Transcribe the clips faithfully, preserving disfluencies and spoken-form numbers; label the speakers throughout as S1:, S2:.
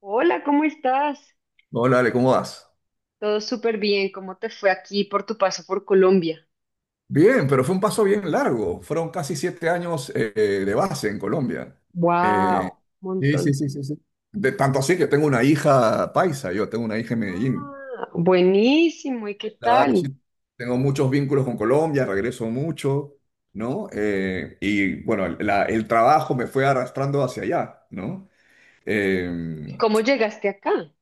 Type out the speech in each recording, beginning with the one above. S1: Hola, ¿cómo estás?
S2: Hola, Ale, ¿cómo vas?
S1: Todo súper bien. ¿Cómo te fue aquí por tu paso por Colombia?
S2: Bien, pero fue un paso bien largo. Fueron casi siete años eh, de base en Colombia. Eh,
S1: Wow,
S2: sí, sí,
S1: montón.
S2: sí, sí, sí. De tanto así que tengo una hija paisa, yo tengo una hija en Medellín.
S1: Ah, buenísimo. ¿Y qué
S2: Claro, sí.
S1: tal?
S2: Tengo muchos vínculos con Colombia, regreso mucho, ¿no? Eh, y bueno, el la- el trabajo me fue arrastrando hacia allá, ¿no? Eh,
S1: ¿Y cómo llegaste acá?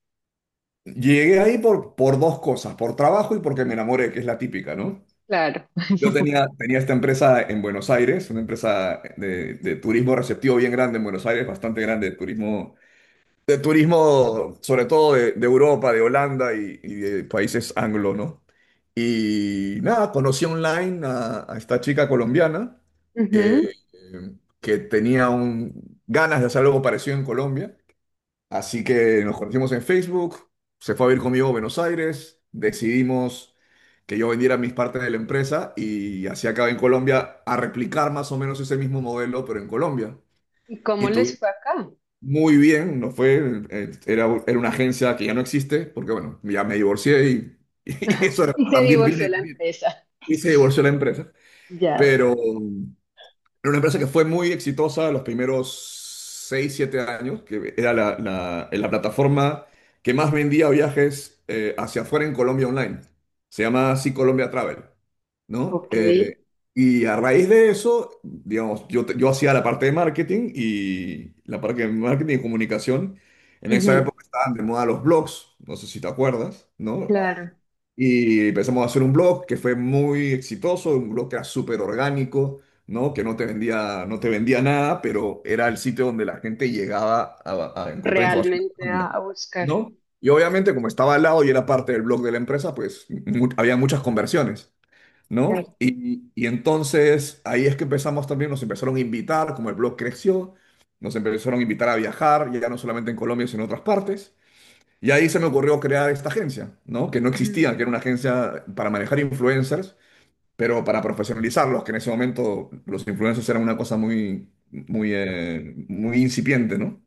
S2: Llegué ahí por, por dos cosas, por trabajo y porque me enamoré, que es la típica, ¿no?
S1: Claro.
S2: Yo tenía, tenía esta empresa en Buenos Aires, una empresa de, de turismo receptivo bien grande en Buenos Aires, bastante grande, de turismo, de turismo sobre todo de, de Europa, de Holanda y, y de países anglo, ¿no? Y nada, conocí online a, a esta chica colombiana eh,
S1: Ujú.
S2: eh, que tenía un- ganas de hacer algo parecido en Colombia. Así que nos conocimos en Facebook, se fue a vivir conmigo a Buenos Aires, decidimos que yo vendiera mis partes de la empresa y así acabé en Colombia a replicar más o menos ese mismo modelo, pero en Colombia.
S1: ¿Y
S2: Y
S1: cómo
S2: bien.
S1: les
S2: Tú,
S1: fue acá?
S2: muy bien, nos fue, eh, era, era una agencia que ya no existe, porque bueno, ya me divorcié y, y eso era-
S1: Y se
S2: también
S1: divorció
S2: viene,
S1: la empresa.
S2: y se divorció la empresa,
S1: Ya.
S2: pero era una empresa que fue muy exitosa los primeros seis siete años, que era la, la- la plataforma que más vendía viajes eh, hacia afuera en Colombia online. Se llama así Colombia Travel, ¿no?
S1: Ok.
S2: Eh, y a raíz de eso, digamos, yo, te- yo hacía la parte de marketing y la parte de marketing y comunicación. En esa
S1: Ujú,
S2: época estaban de moda los blogs, no sé si te acuerdas, ¿no?
S1: claro.
S2: Y empezamos a hacer un blog que fue muy exitoso, un blog que era súper orgánico, ¿no? Que no te vendía, no te vendía nada, pero era el sitio donde la gente llegaba a, a encontrar información de
S1: Realmente a,
S2: Colombia,
S1: a buscar.
S2: ¿no? Y obviamente, como estaba al lado y era parte del blog de la empresa, pues mu- había muchas conversiones,
S1: Claro.
S2: ¿no? Y, y entonces ahí es que empezamos también, nos empezaron a invitar, como el blog creció, nos empezaron a invitar a viajar, ya no solamente en Colombia, sino en otras partes. Y ahí se me ocurrió crear esta agencia, ¿no? Que no
S1: Ujú.
S2: existía, que era una agencia para manejar influencers, pero para profesionalizarlos, que en ese momento los influencers eran una cosa muy, muy, eh, muy incipiente, ¿no?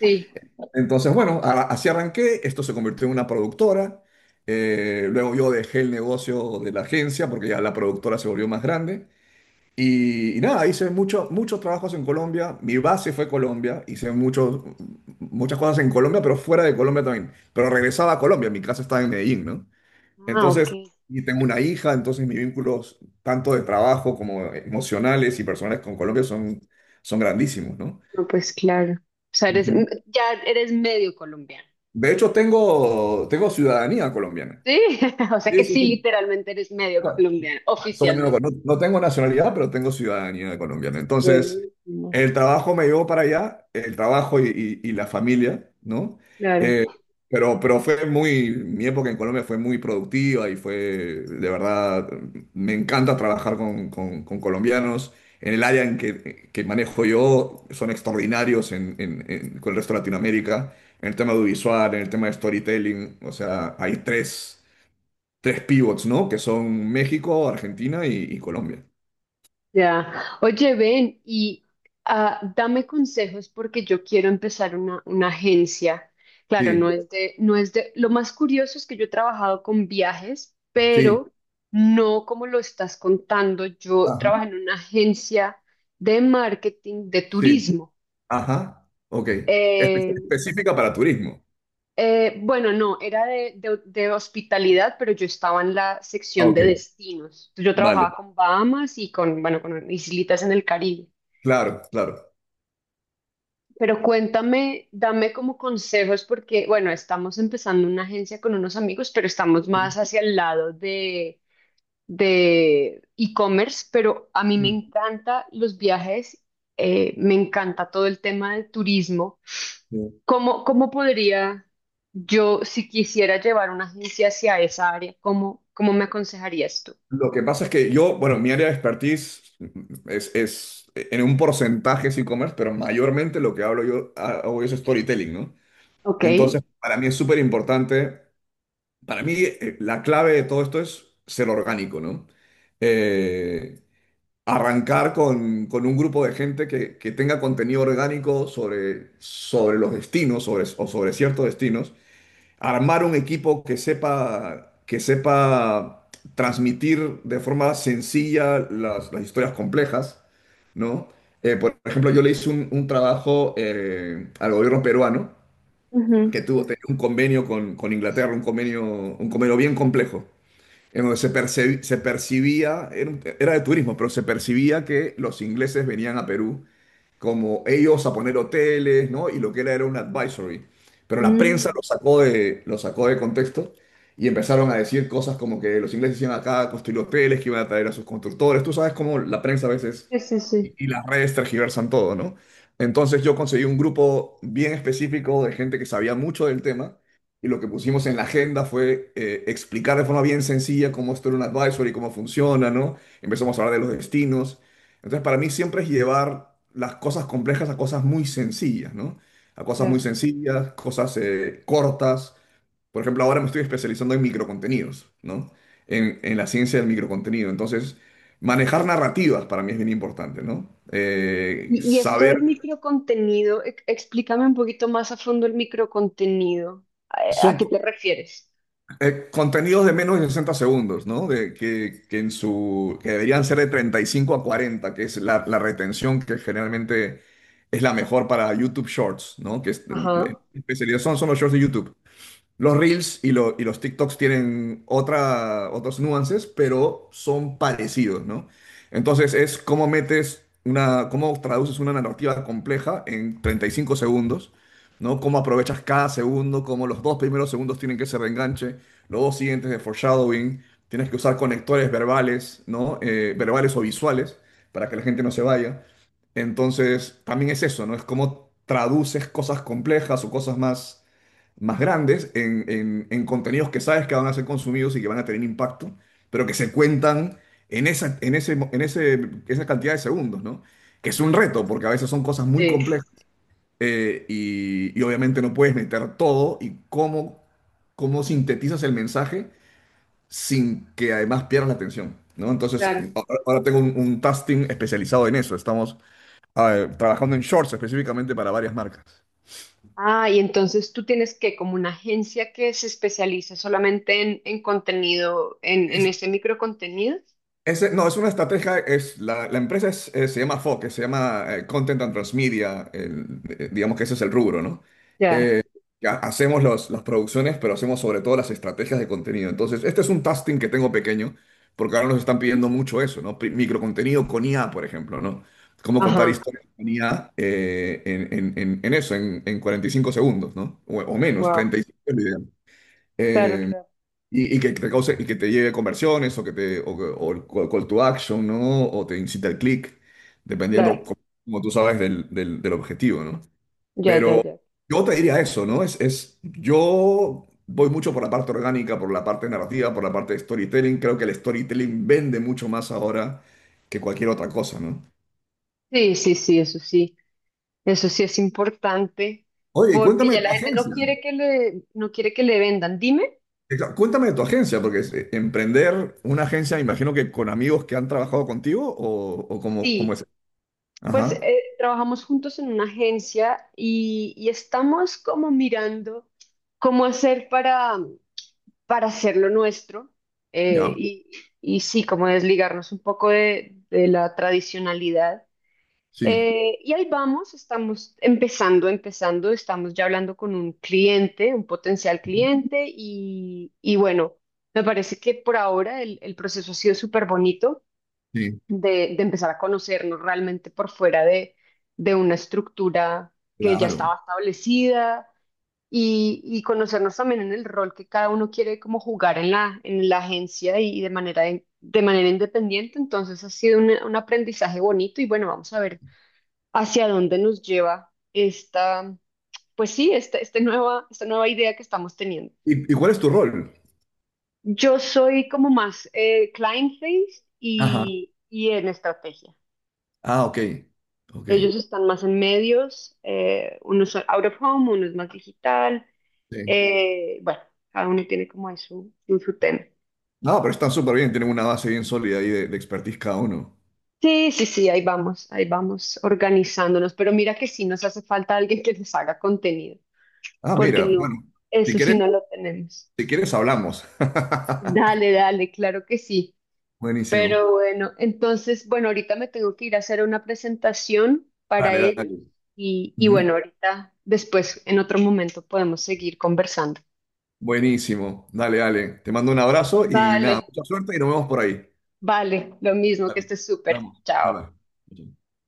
S1: Sí.
S2: Entonces, bueno, a- así arranqué, esto se convirtió en una productora. Eh, luego yo dejé el negocio de la agencia porque ya la productora se volvió más grande y, y nada, hice mucho- muchos trabajos en Colombia. Mi base fue Colombia. Hice muchos, muchas cosas en Colombia, pero fuera de Colombia también. Pero regresaba a Colombia. Mi casa estaba en Medellín, ¿no?
S1: Ah, ok.
S2: Entonces, y tengo una hija, entonces mis vínculos, tanto de trabajo como emocionales y personales con Colombia, son, son grandísimos, ¿no?
S1: No, pues claro. O sea, eres,
S2: Ujú.
S1: ya eres medio colombiano.
S2: De hecho, tengo, tengo ciudadanía colombiana.
S1: Sí, o sea que
S2: Sí, sí,
S1: sí,
S2: sí.
S1: literalmente eres medio colombiano,
S2: Soy No,
S1: oficialmente.
S2: no tengo nacionalidad, pero tengo ciudadanía colombiana. Entonces,
S1: Buenísimo,
S2: el trabajo me llevó para allá, el trabajo y, y- y la familia, ¿no?
S1: claro,
S2: Eh, pero, pero fue muy, mi época en Colombia fue muy productiva y fue, de verdad, me encanta trabajar con, con- con colombianos. En el área en que, que manejo yo, son extraordinarios en, en- en- con el resto de Latinoamérica, en el tema audiovisual, en el tema de storytelling, o sea, hay tres tres pivots, ¿no? Que son México, Argentina y, y Colombia.
S1: ya. Oye, ven y ah, dame consejos porque yo quiero empezar una, una agencia. Claro, no
S2: Sí,
S1: es de, no es de, lo más curioso es que yo he trabajado con viajes,
S2: sí,
S1: pero no como lo estás contando. Yo
S2: ajá,
S1: trabajé en una agencia de marketing de
S2: sí,
S1: turismo.
S2: ajá, ok. Espe-
S1: Eh,
S2: específica para turismo.
S1: Eh, bueno, no, era de, de- de hospitalidad, pero yo estaba en la
S2: Ah,
S1: sección
S2: ok,
S1: de destinos. Yo trabajaba
S2: vale,
S1: con Bahamas y con, bueno, con islitas en el Caribe.
S2: claro, claro.
S1: Pero cuéntame, dame como consejos porque, bueno, estamos empezando una agencia con unos amigos, pero estamos más
S2: Sí,
S1: hacia el lado de e-commerce, pero a mí me
S2: sí,
S1: encanta los viajes, eh, me encanta todo el tema del turismo.
S2: sí.
S1: ¿Cómo, cómo podría yo, si quisiera llevar una agencia hacia esa área, cómo, cómo me aconsejarías tú?
S2: Lo que pasa es que yo, bueno, mi área de expertise es, es en un porcentaje es e-commerce, pero mayormente lo que hablo yo hago es storytelling, ¿no?
S1: Ok.
S2: Entonces, para mí es súper importante, para mí eh, la clave de todo esto es ser orgánico, ¿no? Eh, arrancar con, con un grupo de gente que, que tenga contenido orgánico sobre, sobre los destinos sobre, o sobre ciertos destinos, armar un equipo que sepa, que sepa transmitir de forma sencilla las, las historias complejas, ¿no? Eh, por ejemplo, yo le hice un, un trabajo eh, al gobierno peruano que
S1: Ujú.
S2: tuvo tenía un convenio con, con Inglaterra, un convenio, un convenio bien complejo en donde se, percebi- se percibía, era, un- era de turismo, pero se percibía que los ingleses venían a Perú como ellos a poner hoteles, ¿no? Y lo que era era un advisory. Pero la prensa lo
S1: Mm.
S2: sacó de, lo sacó de contexto y empezaron a decir cosas como que los ingleses iban acá a construir hoteles, que iban a traer a sus constructores. Tú sabes cómo la prensa a veces
S1: Sí, sí,
S2: y
S1: sí.
S2: y las redes tergiversan todo, ¿no? Entonces yo conseguí un grupo bien específico de gente que sabía mucho del tema y lo que pusimos en la agenda fue eh, explicar de forma bien sencilla cómo esto era un advisory, cómo funciona, ¿no? Empezamos a hablar de los destinos. Entonces para mí siempre es llevar las cosas complejas a cosas muy sencillas, ¿no? A cosas muy
S1: Ya.
S2: sencillas, cosas eh, cortas. Por ejemplo, ahora me estoy especializando en microcontenidos, ¿no? En, en la ciencia del microcontenido. Entonces, manejar narrativas para mí es bien importante, ¿no? Eh,
S1: Y, y esto
S2: saber,
S1: del microcontenido, e- explícame un poquito más a fondo el microcontenido. ¿A, a
S2: son
S1: qué
S2: co-
S1: te refieres?
S2: eh, contenidos de menos de sesenta segundos, ¿no? De, que, que en su, que deberían ser de treinta y cinco a cuarenta, que es la, la retención que generalmente es la mejor para YouTube Shorts, ¿no? Que es, en- en
S1: Ajá.
S2: especialidad son, son los shorts de YouTube. Los Reels y, lo- y los TikToks tienen otra, otros nuances, pero son parecidos, ¿no? Entonces es cómo metes una, cómo traduces una narrativa compleja en treinta y cinco segundos, ¿no? Cómo aprovechas cada segundo, cómo los dos primeros segundos tienen que ser de enganche, los dos siguientes de foreshadowing, tienes que usar conectores verbales, ¿no? Eh, verbales o visuales para que la gente no se vaya. Entonces, también es eso, ¿no? Es cómo traduces cosas complejas o cosas más más grandes en, en- en contenidos que sabes que van a ser consumidos y que van a tener impacto, pero que se cuentan en esa, en ese, mo- en ese, esa cantidad de segundos, ¿no? Que es un reto, porque a veces son cosas muy
S1: Sí,
S2: complejas, eh, y, y obviamente no puedes meter todo y cómo, cómo sintetizas el mensaje sin que además pierdas la atención, ¿no? Entonces,
S1: claro.
S2: a- ahora tengo un, un task team especializado en eso. Estamos ah, trabajando en shorts específicamente para varias marcas.
S1: Ah, y entonces tú tienes que, como una agencia que se especializa solamente en, en contenido, en, en ese microcontenido.
S2: Ese- no, es una estrategia, es, la, la empresa es- eh, se llama F O C, se llama eh, Content and Transmedia, el- eh, digamos que ese es el rubro, ¿no?
S1: Ya,
S2: Eh, ya hacemos los- las producciones, pero hacemos sobre todo las estrategias de contenido. Entonces, este es un tasking que tengo pequeño, porque ahora nos están pidiendo mucho eso, ¿no? Pi- Microcontenido con I A, por ejemplo, ¿no? Cómo contar
S1: ajá,
S2: historias con I A eh, en, en- en- en eso, en, en cuarenta y cinco segundos, ¿no? O, o menos,
S1: wow,
S2: treinta y cinco es lo
S1: claro,
S2: ideal.
S1: claro,
S2: Y, y que te cause, y que te lleve conversiones o que te o, que- o el call call to action, ¿no? O te incita al clic,
S1: claro,
S2: dependiendo, co- como tú sabes, del, del- del objetivo, ¿no?
S1: ya, ya,
S2: Pero
S1: ya.
S2: yo te diría eso, ¿no? Es, es, yo voy mucho por la parte orgánica, por la parte narrativa, por la parte de storytelling. Creo que el storytelling vende mucho más ahora que cualquier otra cosa, ¿no?
S1: Sí, sí, sí, eso sí, eso sí es importante,
S2: Oye, y
S1: porque
S2: cuéntame de
S1: ya la
S2: tu
S1: gente no
S2: agencia.
S1: quiere que le, no quiere que le vendan. Dime,
S2: Exa- Cuéntame de tu agencia, porque es- eh, emprender una agencia, me imagino que con amigos que han trabajado contigo o, o cómo, cómo
S1: sí,
S2: es.
S1: pues
S2: Ajá.
S1: eh, trabajamos juntos en una agencia y, y estamos como mirando cómo hacer para para hacerlo nuestro eh,
S2: Ya,
S1: y, y sí, como desligarnos un poco de, de la tradicionalidad.
S2: sí,
S1: Eh, y ahí vamos, estamos empezando, empezando, estamos ya hablando con un cliente, un potencial cliente y, y bueno, me parece que por ahora el, el proceso ha sido súper bonito
S2: sí,
S1: de, de empezar a conocernos realmente por fuera de, de una estructura que ya
S2: claro.
S1: estaba establecida y, y conocernos también en el rol que cada uno quiere como jugar en la, en la agencia y, y de manera, de, de manera independiente. Entonces ha sido un, un aprendizaje bonito y bueno, vamos a ver hacia dónde nos lleva esta, pues sí, esta, este nueva, esta nueva idea que estamos teniendo.
S2: ¿Y, y cuál es tu rol?
S1: Yo soy como más eh, client face
S2: Ajá.
S1: y, y en estrategia.
S2: Ah, ok, ok,
S1: Ellos están más en medios, eh, unos son out of home, uno es más digital.
S2: sí.
S1: Eh, bueno, cada uno tiene como ahí su, su su tema.
S2: No, pero están súper bien, tienen una base bien sólida ahí de, de expertise cada uno.
S1: Sí, sí, sí, ahí vamos, ahí vamos organizándonos, pero mira que sí nos hace falta alguien que les haga contenido,
S2: Ah,
S1: porque
S2: mira, bueno,
S1: no,
S2: si
S1: eso sí
S2: quieres,
S1: no lo tenemos.
S2: si quieres hablamos.
S1: Dale, dale, claro que sí.
S2: Buenísimo.
S1: Pero bueno, entonces, bueno, ahorita me tengo que ir a hacer una presentación para
S2: Dale,
S1: ellos
S2: dale.
S1: y, y bueno,
S2: Ujú.
S1: ahorita después, en otro momento, podemos seguir conversando.
S2: Buenísimo. Dale, dale. Te mando un abrazo y nada,
S1: Vale,
S2: mucha suerte y nos vemos por ahí.
S1: vale, lo mismo, que
S2: Dale,
S1: estés súper.
S2: hablamos. Bye,
S1: Chao.
S2: bye.